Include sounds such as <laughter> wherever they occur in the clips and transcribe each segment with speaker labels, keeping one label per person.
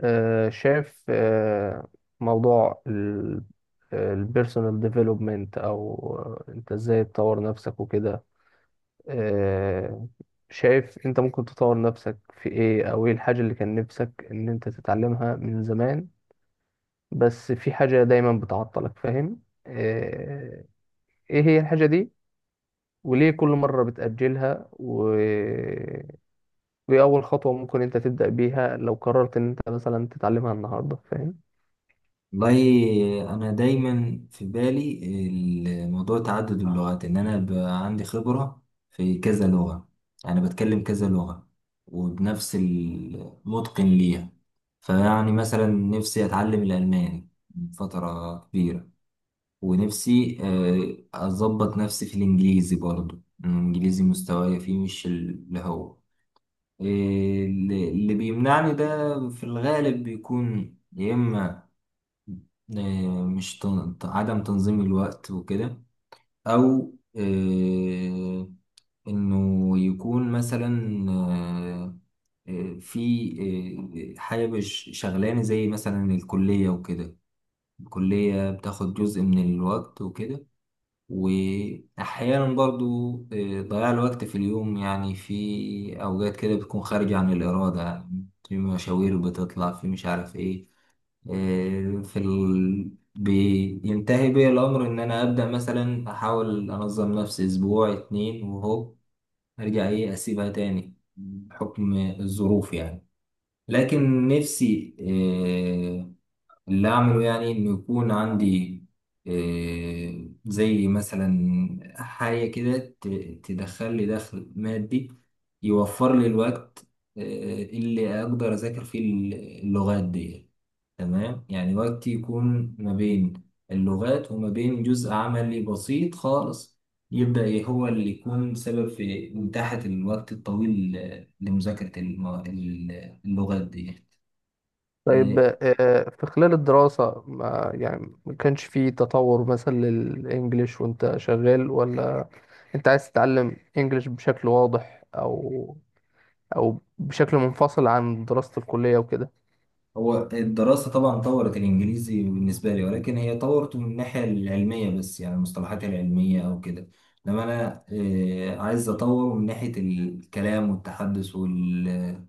Speaker 1: شايف موضوع البيرسونال ديفلوبمنت او انت ازاي تطور نفسك وكده. آه، شايف انت ممكن تطور نفسك في ايه، او ايه الحاجة اللي كان نفسك ان انت تتعلمها من زمان، بس في حاجة دايما بتعطلك فاهم؟ ايه هي الحاجة دي، وليه كل مرة بتأجلها وإيه أول خطوة ممكن أنت تبدأ بيها لو قررت إن أنت مثلا تتعلمها النهاردة، فاهم؟
Speaker 2: والله انا دايما في بالي الموضوع تعدد اللغات ان انا بقى عندي خبرة في كذا لغة. انا بتكلم كذا لغة وبنفس المتقن ليها. فيعني مثلا نفسي اتعلم الالماني من فترة كبيرة. ونفسي اظبط نفسي في الانجليزي برضو، الانجليزي مستواي فيه مش اللي هو. آه، اللي بيمنعني ده في الغالب بيكون يا اما آه، مش تن- ت- عدم تنظيم الوقت وكده، او انه يكون مثلا آه، آه، في آه، حاجة مش شغلانة زي مثلا الكلية وكده. الكلية بتاخد جزء من الوقت وكده. وأحيانا برضو ضياع الوقت في اليوم، يعني في أوقات كده بتكون خارجة عن الإرادة، يعني في مشاوير بتطلع، في مش عارف إيه. بينتهي بي الأمر إن أنا أبدأ مثلا أحاول أنظم نفسي أسبوع 2 وهو أرجع إيه أسيبها تاني بحكم الظروف يعني. لكن نفسي اللي أعمله يعني إنه يكون عندي زي مثلا حاجة كده تدخل لي دخل مادي، يوفر لي الوقت اللي أقدر أذاكر فيه اللغات دي. تمام، يعني وقتي يكون ما بين اللغات وما بين جزء عملي بسيط خالص يبدأ إيه هو اللي يكون سبب في إتاحة الوقت الطويل لمذاكرة اللغات دي.
Speaker 1: طيب.
Speaker 2: آه،
Speaker 1: في خلال الدراسة، ما يعني، ما كانش فيه تطور مثلا للإنجليش وأنت شغال، ولا أنت عايز تتعلم إنجليش بشكل واضح، أو بشكل منفصل عن دراسة الكلية وكده؟
Speaker 2: هو الدراسة طبعا طورت الإنجليزي بالنسبة لي، ولكن هي طورته من الناحية العلمية بس، يعني المصطلحات العلمية أو كده. لما أنا عايز أطوره من ناحية الكلام والتحدث وال...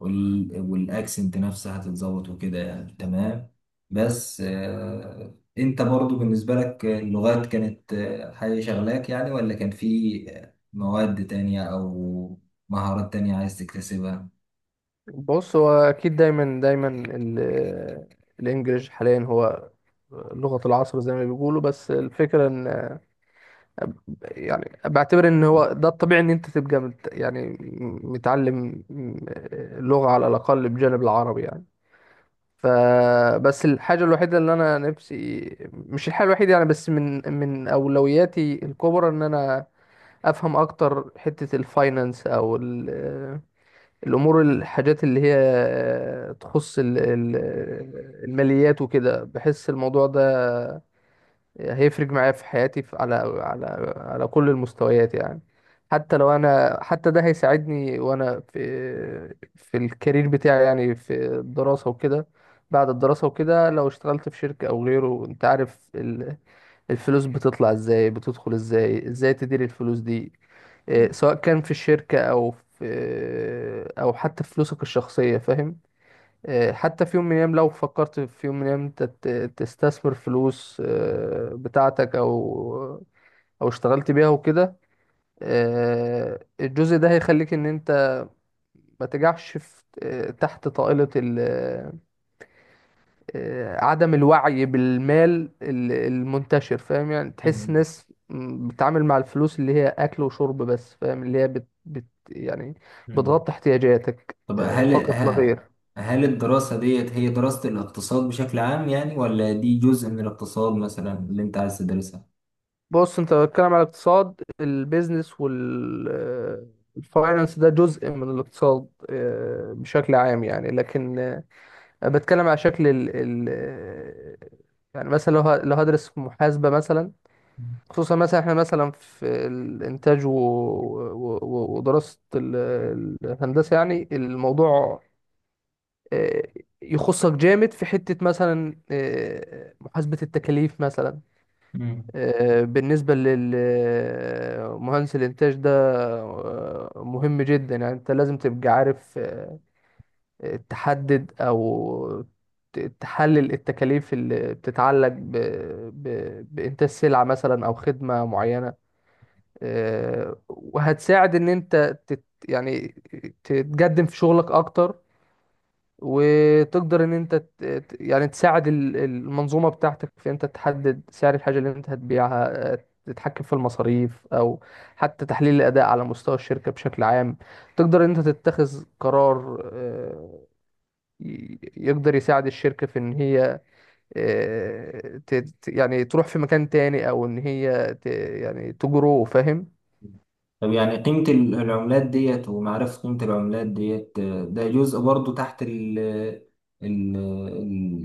Speaker 2: وال... والأكسنت نفسها تتظبط وكده يعني، تمام. بس أنت برضو بالنسبة لك اللغات كانت حاجة شغلاك يعني، ولا كان في مواد تانية أو مهارات تانية عايز تكتسبها؟
Speaker 1: بص، هو أكيد دايما دايما الإنجليش حاليا هو لغة العصر زي ما بيقولوا. بس الفكرة إن، يعني، بعتبر ان هو ده الطبيعي ان انت تبقى يعني متعلم لغة على الاقل بجانب العربي يعني. فبس الحاجة الوحيدة اللي أنا نفسي، مش الحاجة الوحيدة يعني، بس من أولوياتي الكبرى إن أنا أفهم أكتر حتة الفاينانس أو الأمور، الحاجات اللي هي تخص الماليات وكده. بحس الموضوع ده هيفرق معايا في حياتي، في، على على كل المستويات يعني. حتى لو انا، حتى ده هيساعدني وانا في الكارير بتاعي يعني، في الدراسة وكده، بعد الدراسة وكده، لو اشتغلت في شركة او غيره. انت عارف الفلوس بتطلع ازاي، بتدخل ازاي، ازاي تدير الفلوس دي، إيه، سواء كان في الشركة او في، او حتى في فلوسك الشخصية، فاهم. حتى في يوم من الأيام، لو فكرت في يوم من الأيام أنت تستثمر فلوس بتاعتك، أو اشتغلت بيها وكده، الجزء ده هيخليك إن أنت ما تجعش في تحت طائلة عدم الوعي بالمال المنتشر فاهم. يعني تحس ناس بتتعامل مع الفلوس اللي هي أكل وشرب بس فاهم، اللي هي بت بت يعني بتغطي احتياجاتك
Speaker 2: طب هل
Speaker 1: فقط لا غير.
Speaker 2: هل الدراسة ديت هي دراسة الاقتصاد بشكل عام يعني، ولا دي جزء من الاقتصاد مثلا اللي انت عايز تدرسها؟
Speaker 1: بص، انت بتتكلم على الاقتصاد. البيزنس والفاينانس ده جزء من الاقتصاد بشكل عام يعني، لكن انا بتكلم على شكل ال ال آه، يعني مثلا لو لو هدرس في محاسبة مثلا، خصوصا مثلا احنا مثلا في الانتاج ودراسة الهندسة، يعني الموضوع آه، يخصك جامد في حتة مثلا محاسبة التكاليف مثلا.
Speaker 2: مم.
Speaker 1: بالنسبة للمهندس الإنتاج ده مهم جدا يعني. أنت لازم تبقى عارف تحدد أو تحلل التكاليف اللي بتتعلق ب... بإنتاج سلعة مثلا أو خدمة معينة. وهتساعد إن أنت يعني تتقدم في شغلك أكتر، وتقدر ان انت يعني تساعد المنظومه بتاعتك، في انت تحدد سعر الحاجه اللي انت هتبيعها، تتحكم في المصاريف، او حتى تحليل الاداء على مستوى الشركه بشكل عام. تقدر ان انت تتخذ قرار يقدر يساعد الشركه في ان هي يعني تروح في مكان تاني، او ان هي يعني تجرو، فاهم.
Speaker 2: طب يعني قيمة العملات ديت ومعرفة قيمة العملات ديت، ده جزء برضو تحت ال-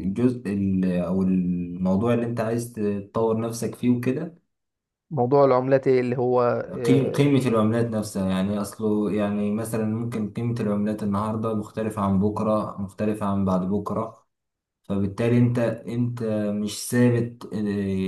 Speaker 2: الجزء أو الموضوع اللي أنت عايز تطور نفسك فيه وكده.
Speaker 1: موضوع العملات إيه اللي هو آه،
Speaker 2: قيمة العملات نفسها، يعني أصله يعني مثلا ممكن قيمة العملات النهاردة مختلفة عن بكرة، مختلفة عن بعد بكرة، فبالتالي انت مش ثابت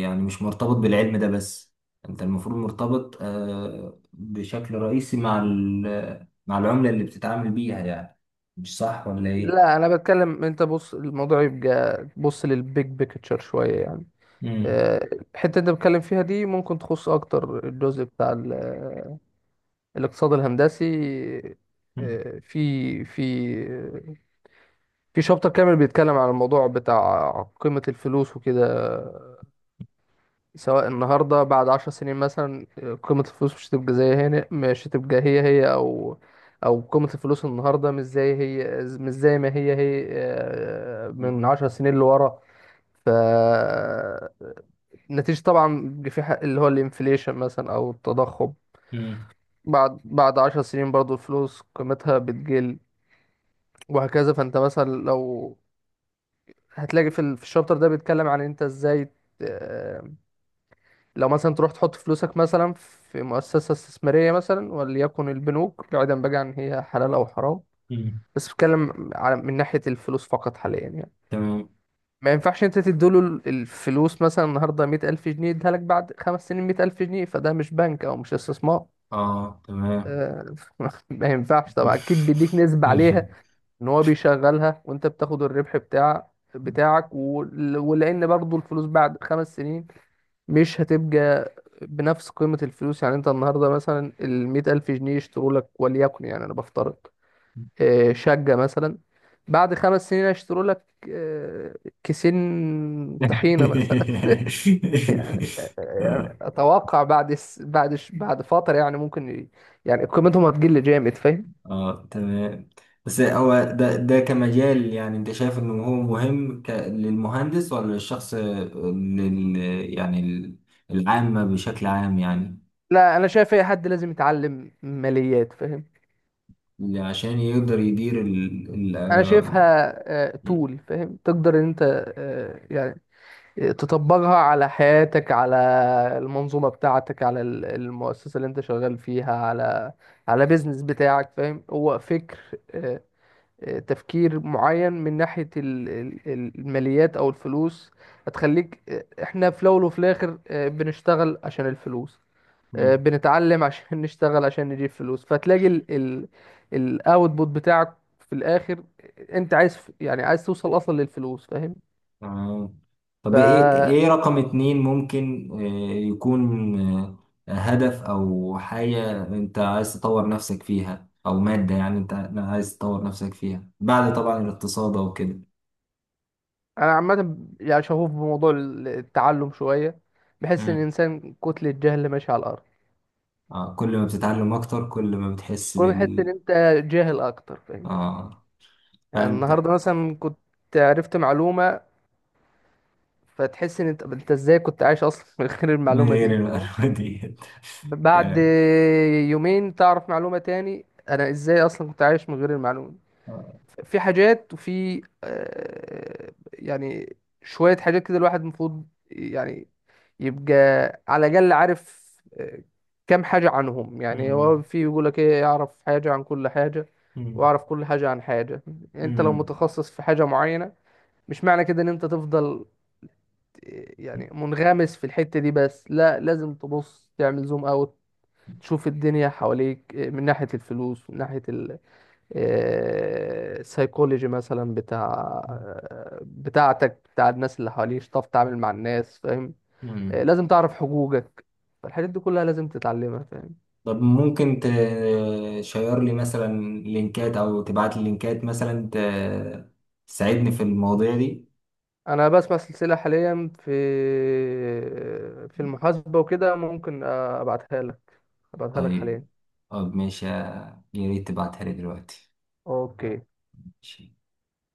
Speaker 2: يعني مش مرتبط بالعلم ده بس، انت المفروض مرتبط بشكل رئيسي مع مع العملة اللي بتتعامل بيها يعني. مش صح ولا ايه؟
Speaker 1: لا، انا بتكلم. انت بص، الموضوع يبقى بص للبيج بيكتشر شويه يعني.
Speaker 2: مم.
Speaker 1: آه، الحته اللي انت بتكلم فيها دي ممكن تخص اكتر الجزء بتاع الاقتصاد الهندسي.
Speaker 2: مم.
Speaker 1: آه، في في في شابتر كامل بيتكلم عن الموضوع بتاع قيمه الفلوس وكده، سواء النهارده، بعد 10 سنين مثلا قيمة الفلوس مش هتبقى زي هنا، مش هتبقى هي هي، أو قيمة الفلوس النهارده مش زي هي، مش زي ما هي هي
Speaker 2: مم.
Speaker 1: من 10 سنين لورا. ف نتيجة طبعا بيبقى في حق اللي هو الانفليشن مثلا، أو التضخم.
Speaker 2: مم.
Speaker 1: بعد عشر سنين برضو الفلوس قيمتها بتقل، وهكذا. فأنت مثلا لو هتلاقي في في الشابتر ده بيتكلم عن أنت إزاي آه، لو مثلا تروح تحط فلوسك مثلا في مؤسسة استثمارية، مثلا وليكن البنوك، بعيدا بقى عن هي حلال أو حرام،
Speaker 2: مم.
Speaker 1: بس بتكلم على من ناحية الفلوس فقط حاليا يعني.
Speaker 2: تمام.
Speaker 1: ما ينفعش انت تديله الفلوس مثلا النهاردة 100,000 جنيه، يديها لك بعد 5 سنين 100,000 جنيه. فده مش بنك أو مش استثمار.
Speaker 2: اه، تمام.
Speaker 1: آه، <laughs> ما ينفعش طبعا، أكيد بيديك نسبة
Speaker 2: <laughs>
Speaker 1: عليها، إن هو بيشغلها وأنت بتاخد الربح بتاعك ولأن برضه الفلوس بعد 5 سنين مش هتبقى بنفس قيمة الفلوس. يعني انت النهاردة مثلا المية ألف جنيه يشتروا لك، وليكن يعني أنا بفترض شقة مثلا، بعد 5 سنين هيشتروا لك آه، كيسين طحينة مثلا <laughs>
Speaker 2: <laughs> آه.
Speaker 1: يعني أتوقع بعد س... بعد ش... بعد فترة يعني، ممكن يعني قيمتهم هتقل جامد، فاهم.
Speaker 2: اه، تمام. بس هو ده كمجال، يعني انت شايف انه هو مهم للمهندس ولا للشخص، يعني العامة بشكل عام يعني،
Speaker 1: لا، أنا شايف أي حد لازم يتعلم ماليات، فاهم.
Speaker 2: اللي عشان يقدر يدير ال... ال...
Speaker 1: أنا شايفها
Speaker 2: آه،
Speaker 1: طول، فاهم. تقدر إن أنت يعني تطبقها على حياتك، على المنظومة بتاعتك، على المؤسسة اللي انت شغال فيها، على بيزنس بتاعك، فاهم. هو فكر آه، تفكير معين. من ناحية الماليات او الفلوس هتخليك احنا في الاول وفي الاخر بنشتغل عشان الفلوس،
Speaker 2: مم.
Speaker 1: بنتعلم عشان <laughs> نشتغل عشان نجيب فلوس. فتلاقي الاوتبوت بتاعك في الاخر انت عايز، يعني عايز توصل اصلا للفلوس، فاهم.
Speaker 2: تمام.
Speaker 1: ف
Speaker 2: طب ايه، رقم 2 ممكن يكون هدف او حاجة انت عايز تطور نفسك فيها، او مادة يعني انت عايز تطور نفسك فيها بعد طبعا الاقتصاد او كده.
Speaker 1: انا عامه يعني شغوف بموضوع التعلم شويه. بحس ان الانسان كتله جهل ماشي على الارض.
Speaker 2: آه، كل ما بتتعلم أكتر كل ما بتحس
Speaker 1: كل ما تحس ان
Speaker 2: بال.
Speaker 1: انت جاهل اكتر، فاهم.
Speaker 2: آه،
Speaker 1: يعني
Speaker 2: فأنت.
Speaker 1: النهارده مثلا كنت عرفت معلومه، فتحس ان انت ازاي كنت عايش اصلا <laughs> من غير
Speaker 2: من
Speaker 1: المعلومه
Speaker 2: غير
Speaker 1: دي.
Speaker 2: المعلومة ديت. <laughs>
Speaker 1: بعد
Speaker 2: كلام.
Speaker 1: يومين تعرف معلومه تاني، انا ازاي اصلا كنت عايش من غير المعلومه.
Speaker 2: آه.
Speaker 1: في حاجات، وفي يعني شوية حاجات كده الواحد المفروض يعني يبقى على الأقل عارف آه، كام حاجة عنهم. يعني
Speaker 2: مم.
Speaker 1: هو في يقول لك إيه، يعرف حاجة عن كل حاجة
Speaker 2: مم.
Speaker 1: وأعرف كل حاجة عن حاجة. أنت لو
Speaker 2: مم.
Speaker 1: متخصص في حاجة معينة، مش معنى كده إن أنت تفضل يعني منغمس في الحتة دي بس. لا، لازم تبص تعمل زوم أوت، تشوف الدنيا حواليك من ناحية الفلوس، من ناحية سايكولوجي مثلا بتاع بتاعتك، بتاع الناس اللي حواليك، تعرف تتعامل مع الناس، فاهم.
Speaker 2: مم.
Speaker 1: لازم تعرف حقوقك. الحاجات دي كلها لازم تتعلمها، فاهم.
Speaker 2: طب ممكن تشير لي مثلا لينكات، أو تبعت لي لينكات مثلا تساعدني في المواضيع دي.
Speaker 1: انا بسمع سلسلة حاليا في المحاسبة وكده، ممكن ابعتها لك، ابعتها لك حاليا.
Speaker 2: طيب. طب ماشي، يا ريت تبعتها لي دلوقتي.
Speaker 1: اوكي.
Speaker 2: ماشي.